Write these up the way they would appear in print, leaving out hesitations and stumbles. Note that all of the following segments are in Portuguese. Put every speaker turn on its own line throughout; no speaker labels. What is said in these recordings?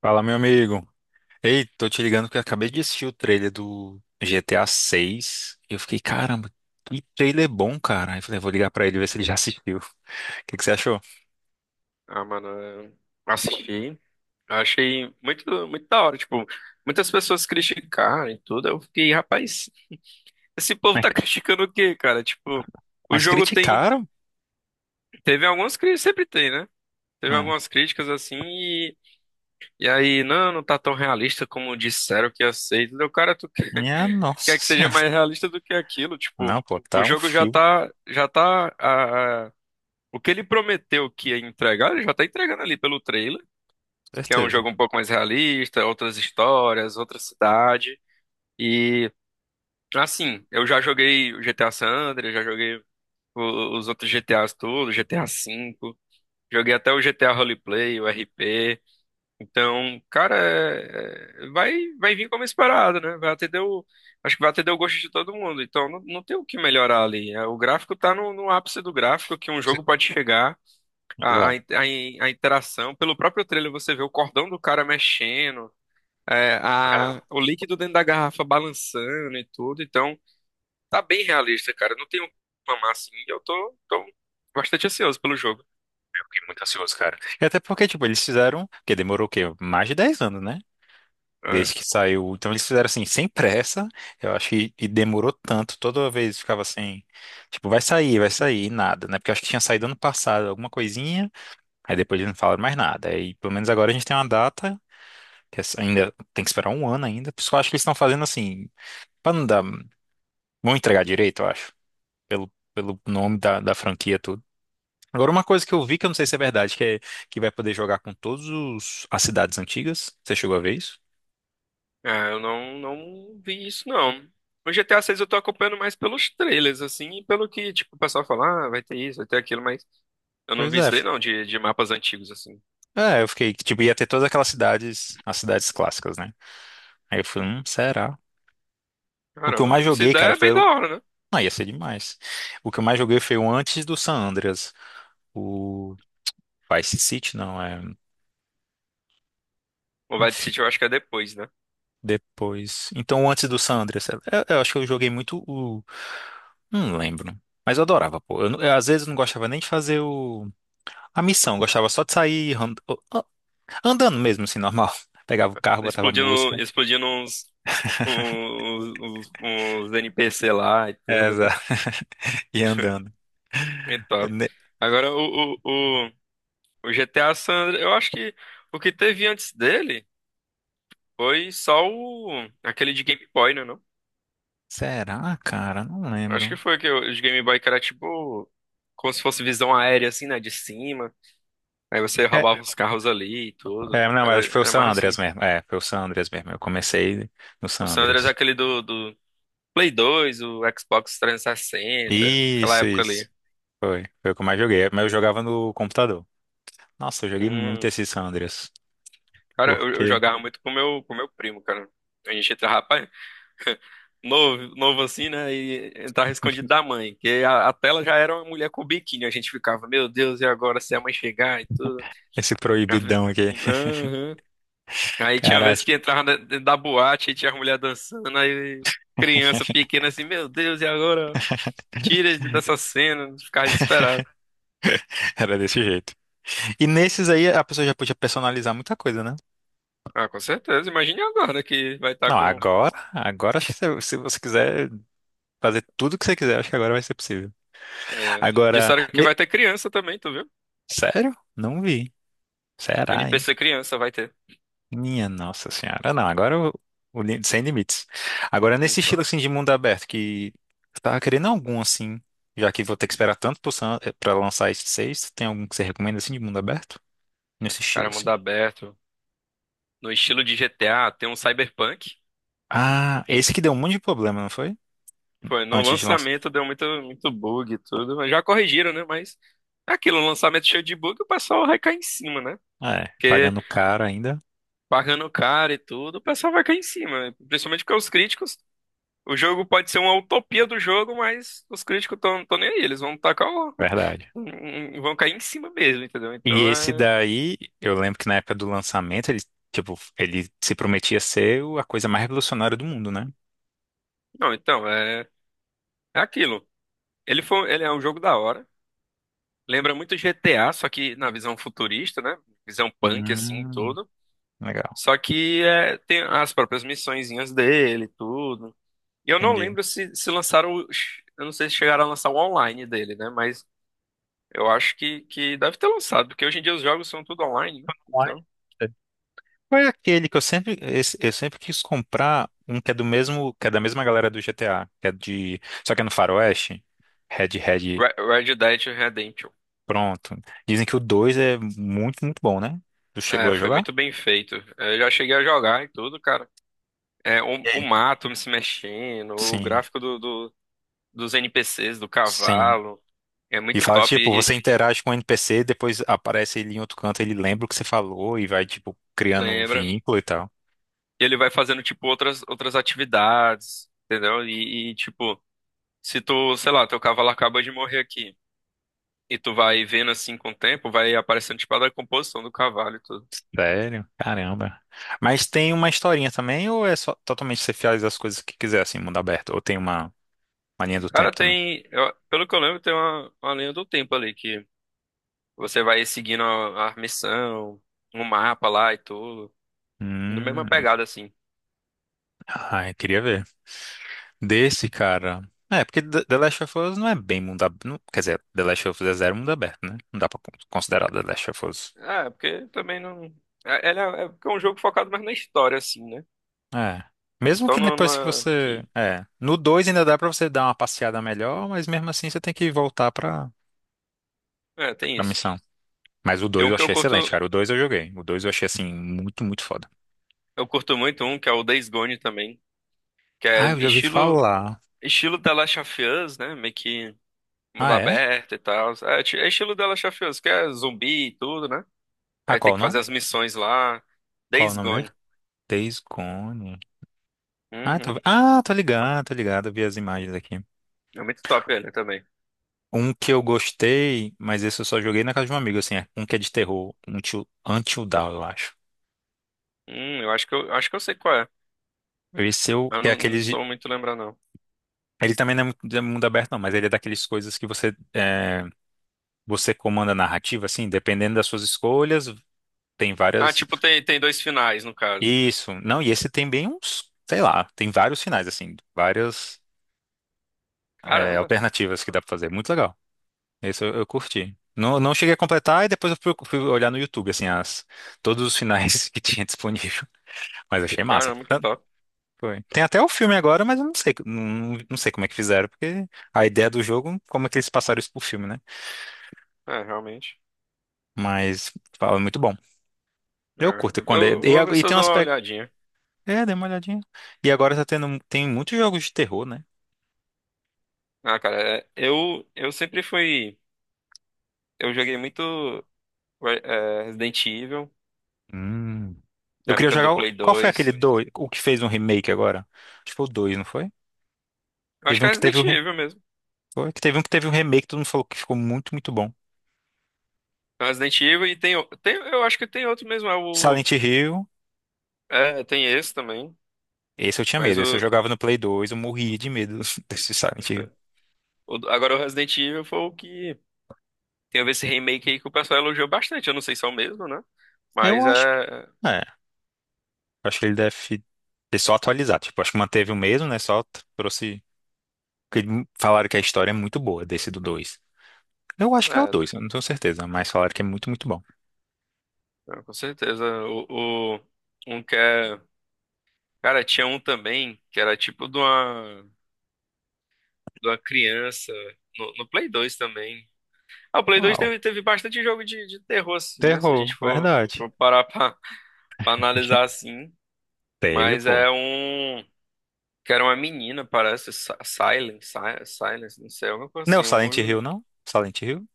Fala, meu amigo. Ei, tô te ligando porque eu acabei de assistir o trailer do GTA 6 e eu fiquei, caramba, que trailer bom, cara. Aí eu falei, vou ligar pra ele ver se ele já assistiu. O que que você achou?
Ah, mano, eu assisti. Eu achei muito, muito da hora. Tipo, muitas pessoas criticaram e tudo. Eu fiquei, rapaz, esse povo
Mas,
tá criticando o quê, cara? Tipo, o
mas
jogo tem.
criticaram?
Teve algumas críticas, sempre tem, né? Teve
Ah,
algumas críticas assim e aí, não, não tá tão realista como disseram que ia ser. Entendeu? Cara, tu
minha
quer
nossa
que seja
senhora.
mais realista do que aquilo? Tipo,
Não, pô,
o
tá um
jogo já
filme,
tá, o que ele prometeu que ia entregar, ele já tá entregando ali pelo trailer.
com
Que é um
certeza.
jogo um pouco mais realista, outras histórias, outra cidade. E assim, eu já joguei o GTA San Andreas, já joguei os outros GTAs todos, GTA V, joguei até o GTA Roleplay, o RP. Então, cara, vai vir como esperado, né? Vai atender o, acho que vai atender o gosto de todo mundo. Então, não, não tem o que melhorar ali. É, o gráfico tá no ápice do gráfico que um
Sim.
jogo pode chegar. A, a,
Exato.
in- a in- a interação, pelo próprio trailer você vê o cordão do cara mexendo,
É, eu
o líquido dentro da garrafa balançando e tudo, então tá bem realista, cara. Não tenho o que reclamar assim, eu tô bastante ansioso pelo jogo.
fiquei muito ansioso, cara. E até porque, tipo, eles fizeram, porque demorou o quê? Mais de 10 anos, né?
É,
Desde que saiu. Então eles fizeram assim, sem pressa. Eu acho que e demorou tanto. Toda vez ficava assim, tipo, vai sair, e nada, né? Porque eu acho que tinha saído ano passado alguma coisinha, aí depois eles não falaram mais nada. Aí pelo menos agora a gente tem uma data, que essa- ainda tem que esperar um ano ainda. Por isso que eu acho que eles estão fazendo assim, pra não dar. Vão entregar direito, eu acho, pelo nome da franquia, tudo. Agora, uma coisa que eu vi que eu não sei se é verdade, que é que vai poder jogar com todos os, as cidades antigas. Você chegou a ver isso?
eu não, não vi isso, não. O GTA 6 eu tô acompanhando mais pelos trailers, assim, e pelo que, tipo, o pessoal fala, ah, vai ter isso, vai ter aquilo, mas eu não
Pois
vi isso
é.
daí, não, de mapas antigos, assim.
É, eu fiquei, tipo, ia ter todas aquelas cidades, as cidades clássicas, né? Aí eu falei, será? O que eu
Caramba,
mais
se
joguei, cara,
der, é
foi
bem da
o...
hora, né?
Ah, ia ser demais. O que eu mais joguei foi o antes do San Andreas. O Vice City, não, é...
O Vice
Enfim,
City eu acho que é depois, né?
depois... Então, o antes do San Andreas. Eu acho que eu joguei muito o... Não lembro. Mas eu adorava, pô. Eu, não- eu, às vezes não gostava nem de fazer o... a missão. Eu gostava só de sair andando mesmo, assim, normal. Pegava o carro, botava
Explodindo,
música.
explodindo uns NPC lá e
É,
tudo, né?
exato. E andando.
E top. Agora o GTA San Andreas, eu acho que o que teve antes dele foi só o aquele de Game Boy, né, não?
Será, cara? Não
Acho que
lembro.
foi que o de Game Boy que era tipo como se fosse visão aérea assim, né, de cima. Aí você
É,
roubava os carros ali e tudo.
não, acho que foi o
Era
San
mais
Andreas
assim.
mesmo. É, foi o San Andreas mesmo. Eu comecei no
O
San
San Andreas é
Andreas.
aquele do Play 2 o Xbox trezentos e sessenta aquela
Isso,
época
isso.
ali.
Foi. Foi o que eu mais joguei. Mas eu jogava no computador. Nossa, eu joguei muito
Hum.
esse San Andreas.
Cara, eu
Porque
jogava muito com meu primo, cara. A gente entrava, rapaz, novo assim, né? E entrava escondido da mãe, que a tela já era uma mulher com biquíni. A gente ficava, meu Deus, e agora se a mãe chegar e tudo?
esse
A vi-
proibidão aqui.
Aham. Aí tinha
Cara,
vezes que entrava dentro da boate e tinha a mulher dançando, aí criança pequena assim, meu Deus, e agora? Tira dessa cena, ficava desesperado.
era desse jeito. E nesses aí a pessoa já podia personalizar muita coisa, né?
Ah, com certeza. Imagine agora que vai estar
Não,
com.
agora acho que se você quiser fazer tudo que você quiser, acho que agora vai ser possível.
É...
Agora,
Disseram que
ne-
vai ter criança também, tu viu?
sério? Não vi. Será, hein?
NPC criança vai ter.
Minha nossa senhora. Ah, não, agora o li- sem limites. Agora nesse estilo
Então,
assim de mundo aberto que eu tava querendo algum assim, já que vou ter que esperar tanto pro Sam- eh, pra lançar esses seis, tem algum que você recomenda assim de mundo aberto? Nesse estilo
cara,
assim.
mundo aberto. No estilo de GTA, tem um cyberpunk.
Ah, esse que deu um monte de problema, não foi?
Foi, no
Antes de lançar.
lançamento deu muito, muito bug e tudo, mas já corrigiram, né? Mas é aquilo, um lançamento cheio de bug, o pessoal vai cair em cima, né?
Ah, é,
Porque
pagando caro ainda.
pagando caro e tudo, o pessoal vai cair em cima, né? Principalmente porque os críticos, o jogo pode ser uma utopia do jogo, mas os críticos estão nem aí, eles vão tacar o...
Verdade.
um, vão cair em cima mesmo, entendeu?
E
Então
esse
é.
daí, eu lembro que na época do lançamento, ele, tipo, ele se prometia ser o- a coisa mais revolucionária do mundo, né?
Não, então, é aquilo. Ele é um jogo da hora. Lembra muito GTA, só que na visão futurista, né? Visão punk, assim,
Hum,
tudo.
legal,
Só que é, tem as próprias missõezinhas dele, e tudo. E eu não
entendi.
lembro se lançaram. Eu não sei se chegaram a lançar o online dele, né? Mas eu acho que deve ter lançado, porque hoje em dia os jogos são tudo online, né? Então.
Qual é aquele que eu sempre, esse- eu sempre quis comprar um que é do mesmo, que é da mesma galera do GTA, que é de, só que é no Faroeste, Red Red,
Red Dead Redemption.
pronto. Dizem que o 2 é muito, muito bom, né? Tu chegou
É,
a
foi
jogar?
muito bem feito. É, eu já cheguei a jogar e tudo, cara. É,
E
o
aí?
mato se mexendo, o
Sim,
gráfico dos NPCs, do
sim.
cavalo. É
E
muito
fala que,
top.
tipo, você interage com o NPC, depois aparece ele em outro canto, ele lembra o que você falou e vai, tipo, criando um
Lembra?
vínculo e tal.
E ele vai fazendo, tipo, outras atividades, entendeu? Tipo, se tu, sei lá, teu cavalo acaba de morrer aqui, e tu vai vendo assim com o tempo, vai aparecendo, tipo, a decomposição do cavalo e tudo.
Sério? Caramba. Mas tem uma historinha também, ou é só totalmente você faz as coisas que quiser, assim, mundo aberto? Ou tem uma linha do
Cara,
tempo também?
tem, pelo que eu lembro, tem uma linha do tempo ali, que você vai seguindo a missão, um mapa lá e tudo, na mesma
Hum,
pegada, assim.
ai, queria ver. Desse, cara. É, porque The Last of Us não é bem mundo aberto. Quer dizer, The Last of Us é zero mundo aberto, né? Não dá pra con- considerar The Last of Us.
É, porque também não... É, é porque é um jogo focado mais na história, assim, né?
É. Mesmo
Então
que
não, não
depois que
é
você.
que...
É. No 2 ainda dá pra você dar uma passeada melhor, mas mesmo assim você tem que voltar pra,
É, tem
pra
isso.
missão. Mas o
Tem
2
um
eu
que eu
achei
curto.
excelente, cara. O 2 eu joguei. O 2 eu achei, assim, muito, muito foda.
Eu curto muito um que é o Days Gone também, que é
Ah, eu já ouvi
estilo
falar.
estilo The Last of Us, né? Meio que mundo
Ah, é?
aberto e tal. É, é estilo The Last of Us, que é zumbi e tudo, né?
Ah,
Aí tem
qual o
que
nome?
fazer as missões lá.
Qual o
Days
nome dele?
Gone.
Days Gone.
Uhum.
Ah, tô ligado, tô ligado. Eu vi as imagens aqui.
É muito top ele também.
Um que eu gostei, mas esse eu só joguei na casa de um amigo, assim, é um que é de terror, um Till- Until Dawn, eu acho.
Eu acho que eu sei qual é.
Esse eu,
Eu
que é
não, não
aqueles de-
tô muito lembrando não.
Ele também não é muito de mundo aberto, não, mas ele é daqueles coisas que você, é, você comanda a narrativa, assim, dependendo das suas escolhas, tem
Ah,
várias...
tipo tem tem dois finais no caso.
Isso, não, e esse tem bem uns, sei lá, tem vários finais, assim, várias, é,
Caramba,
alternativas que dá pra fazer, muito legal. Eu curti. Não, não cheguei a completar e depois fui olhar no YouTube, assim, as, todos os finais que tinha disponível, mas achei massa.
caramba que top.
Foi. Tem até o filme agora, mas eu não sei, não, não sei como é que fizeram, porque a ideia do jogo, como é que eles passaram isso pro filme, né?
É, realmente.
Mas fala, é muito bom.
É,
Eu curto quando é,
eu
e, a-
vou ver
e
se eu
tem um
dou uma
aspecto.
olhadinha.
É, dei uma olhadinha. E agora tá tendo, tem muitos jogos de terror, né?
Ah, cara, é, eu sempre fui, eu joguei muito. Resident Evil,
Hum. Eu
na
queria
época
jogar.
do
O-
Play
Qual foi aquele
2.
dois, o que fez um remake agora? Acho que foi o dois, não foi?
Eu acho
Teve
que
um
é
que teve um,
Resident
re-
Evil mesmo.
foi, que teve um remake, todo mundo falou que ficou muito, muito bom.
É Resident Evil e tem, tem. Eu acho que tem outro mesmo. É o.
Silent Hill,
É, tem esse também.
esse eu tinha
Mas
medo, esse eu jogava no Play 2, eu morria de medo desse Silent Hill.
agora o Resident Evil foi o que. Tem a ver esse remake aí que o pessoal elogiou bastante. Eu não sei se é o mesmo, né?
Eu
Mas
acho.
é.
Acho que ele deve ter só atualizado. Tipo, acho que manteve o mesmo, né? Só t- trouxe. Porque falaram que a história é muito boa desse do 2. Eu acho que é o
É,
2. Eu não tenho certeza, mas falaram que é muito, muito bom.
com certeza. Um que é. Cara, tinha um também que era tipo de de uma criança. No Play 2 também. Ah, o Play 2
Qual?
teve, teve bastante jogo de terror, assim, né? Se a gente
Terror,
for,
verdade.
for parar pra, pra analisar assim.
Teve,
Mas
pô.
é um. Que era uma menina, parece. Silent, Silence, não sei, alguma coisa
Não, é o
assim.
Silent
Algum...
Hill, não? Silent Hill?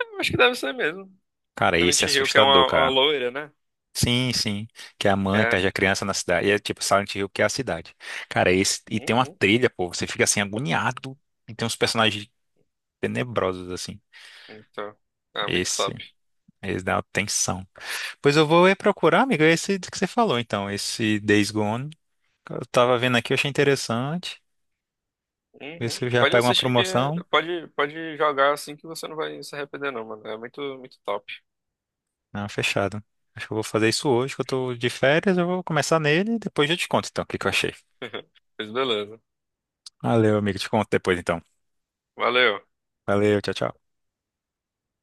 Eu acho que deve ser mesmo.
Cara, esse é
Silent Hill, que é
assustador,
uma
cara.
loira, né?
Sim, sim. Que a mãe
É.
perde a criança na cidade. E é tipo Silent Hill que é a cidade. Cara, esse. E tem uma
Uhum.
trilha, pô. Você fica assim, agoniado. E tem uns personagens tenebrosos, assim.
Então. É muito
Esse.
top.
Esse dá uma tensão. Pois eu vou ir procurar, amigo, esse que você falou, então, esse Days Gone. Eu tava vendo aqui, eu achei interessante. Ver
Uhum.
se eu já
Pode
pego uma
assistir que.
promoção.
Pode, pode jogar assim que você não vai se arrepender, não, mano. É muito, muito top.
Não, fechado. Acho que eu vou fazer isso hoje, que eu tô de férias, eu vou começar nele e depois eu te conto, então, o que que eu achei.
Mas beleza.
Valeu, amigo, te conto depois, então.
Valeu.
Valeu, tchau, tchau.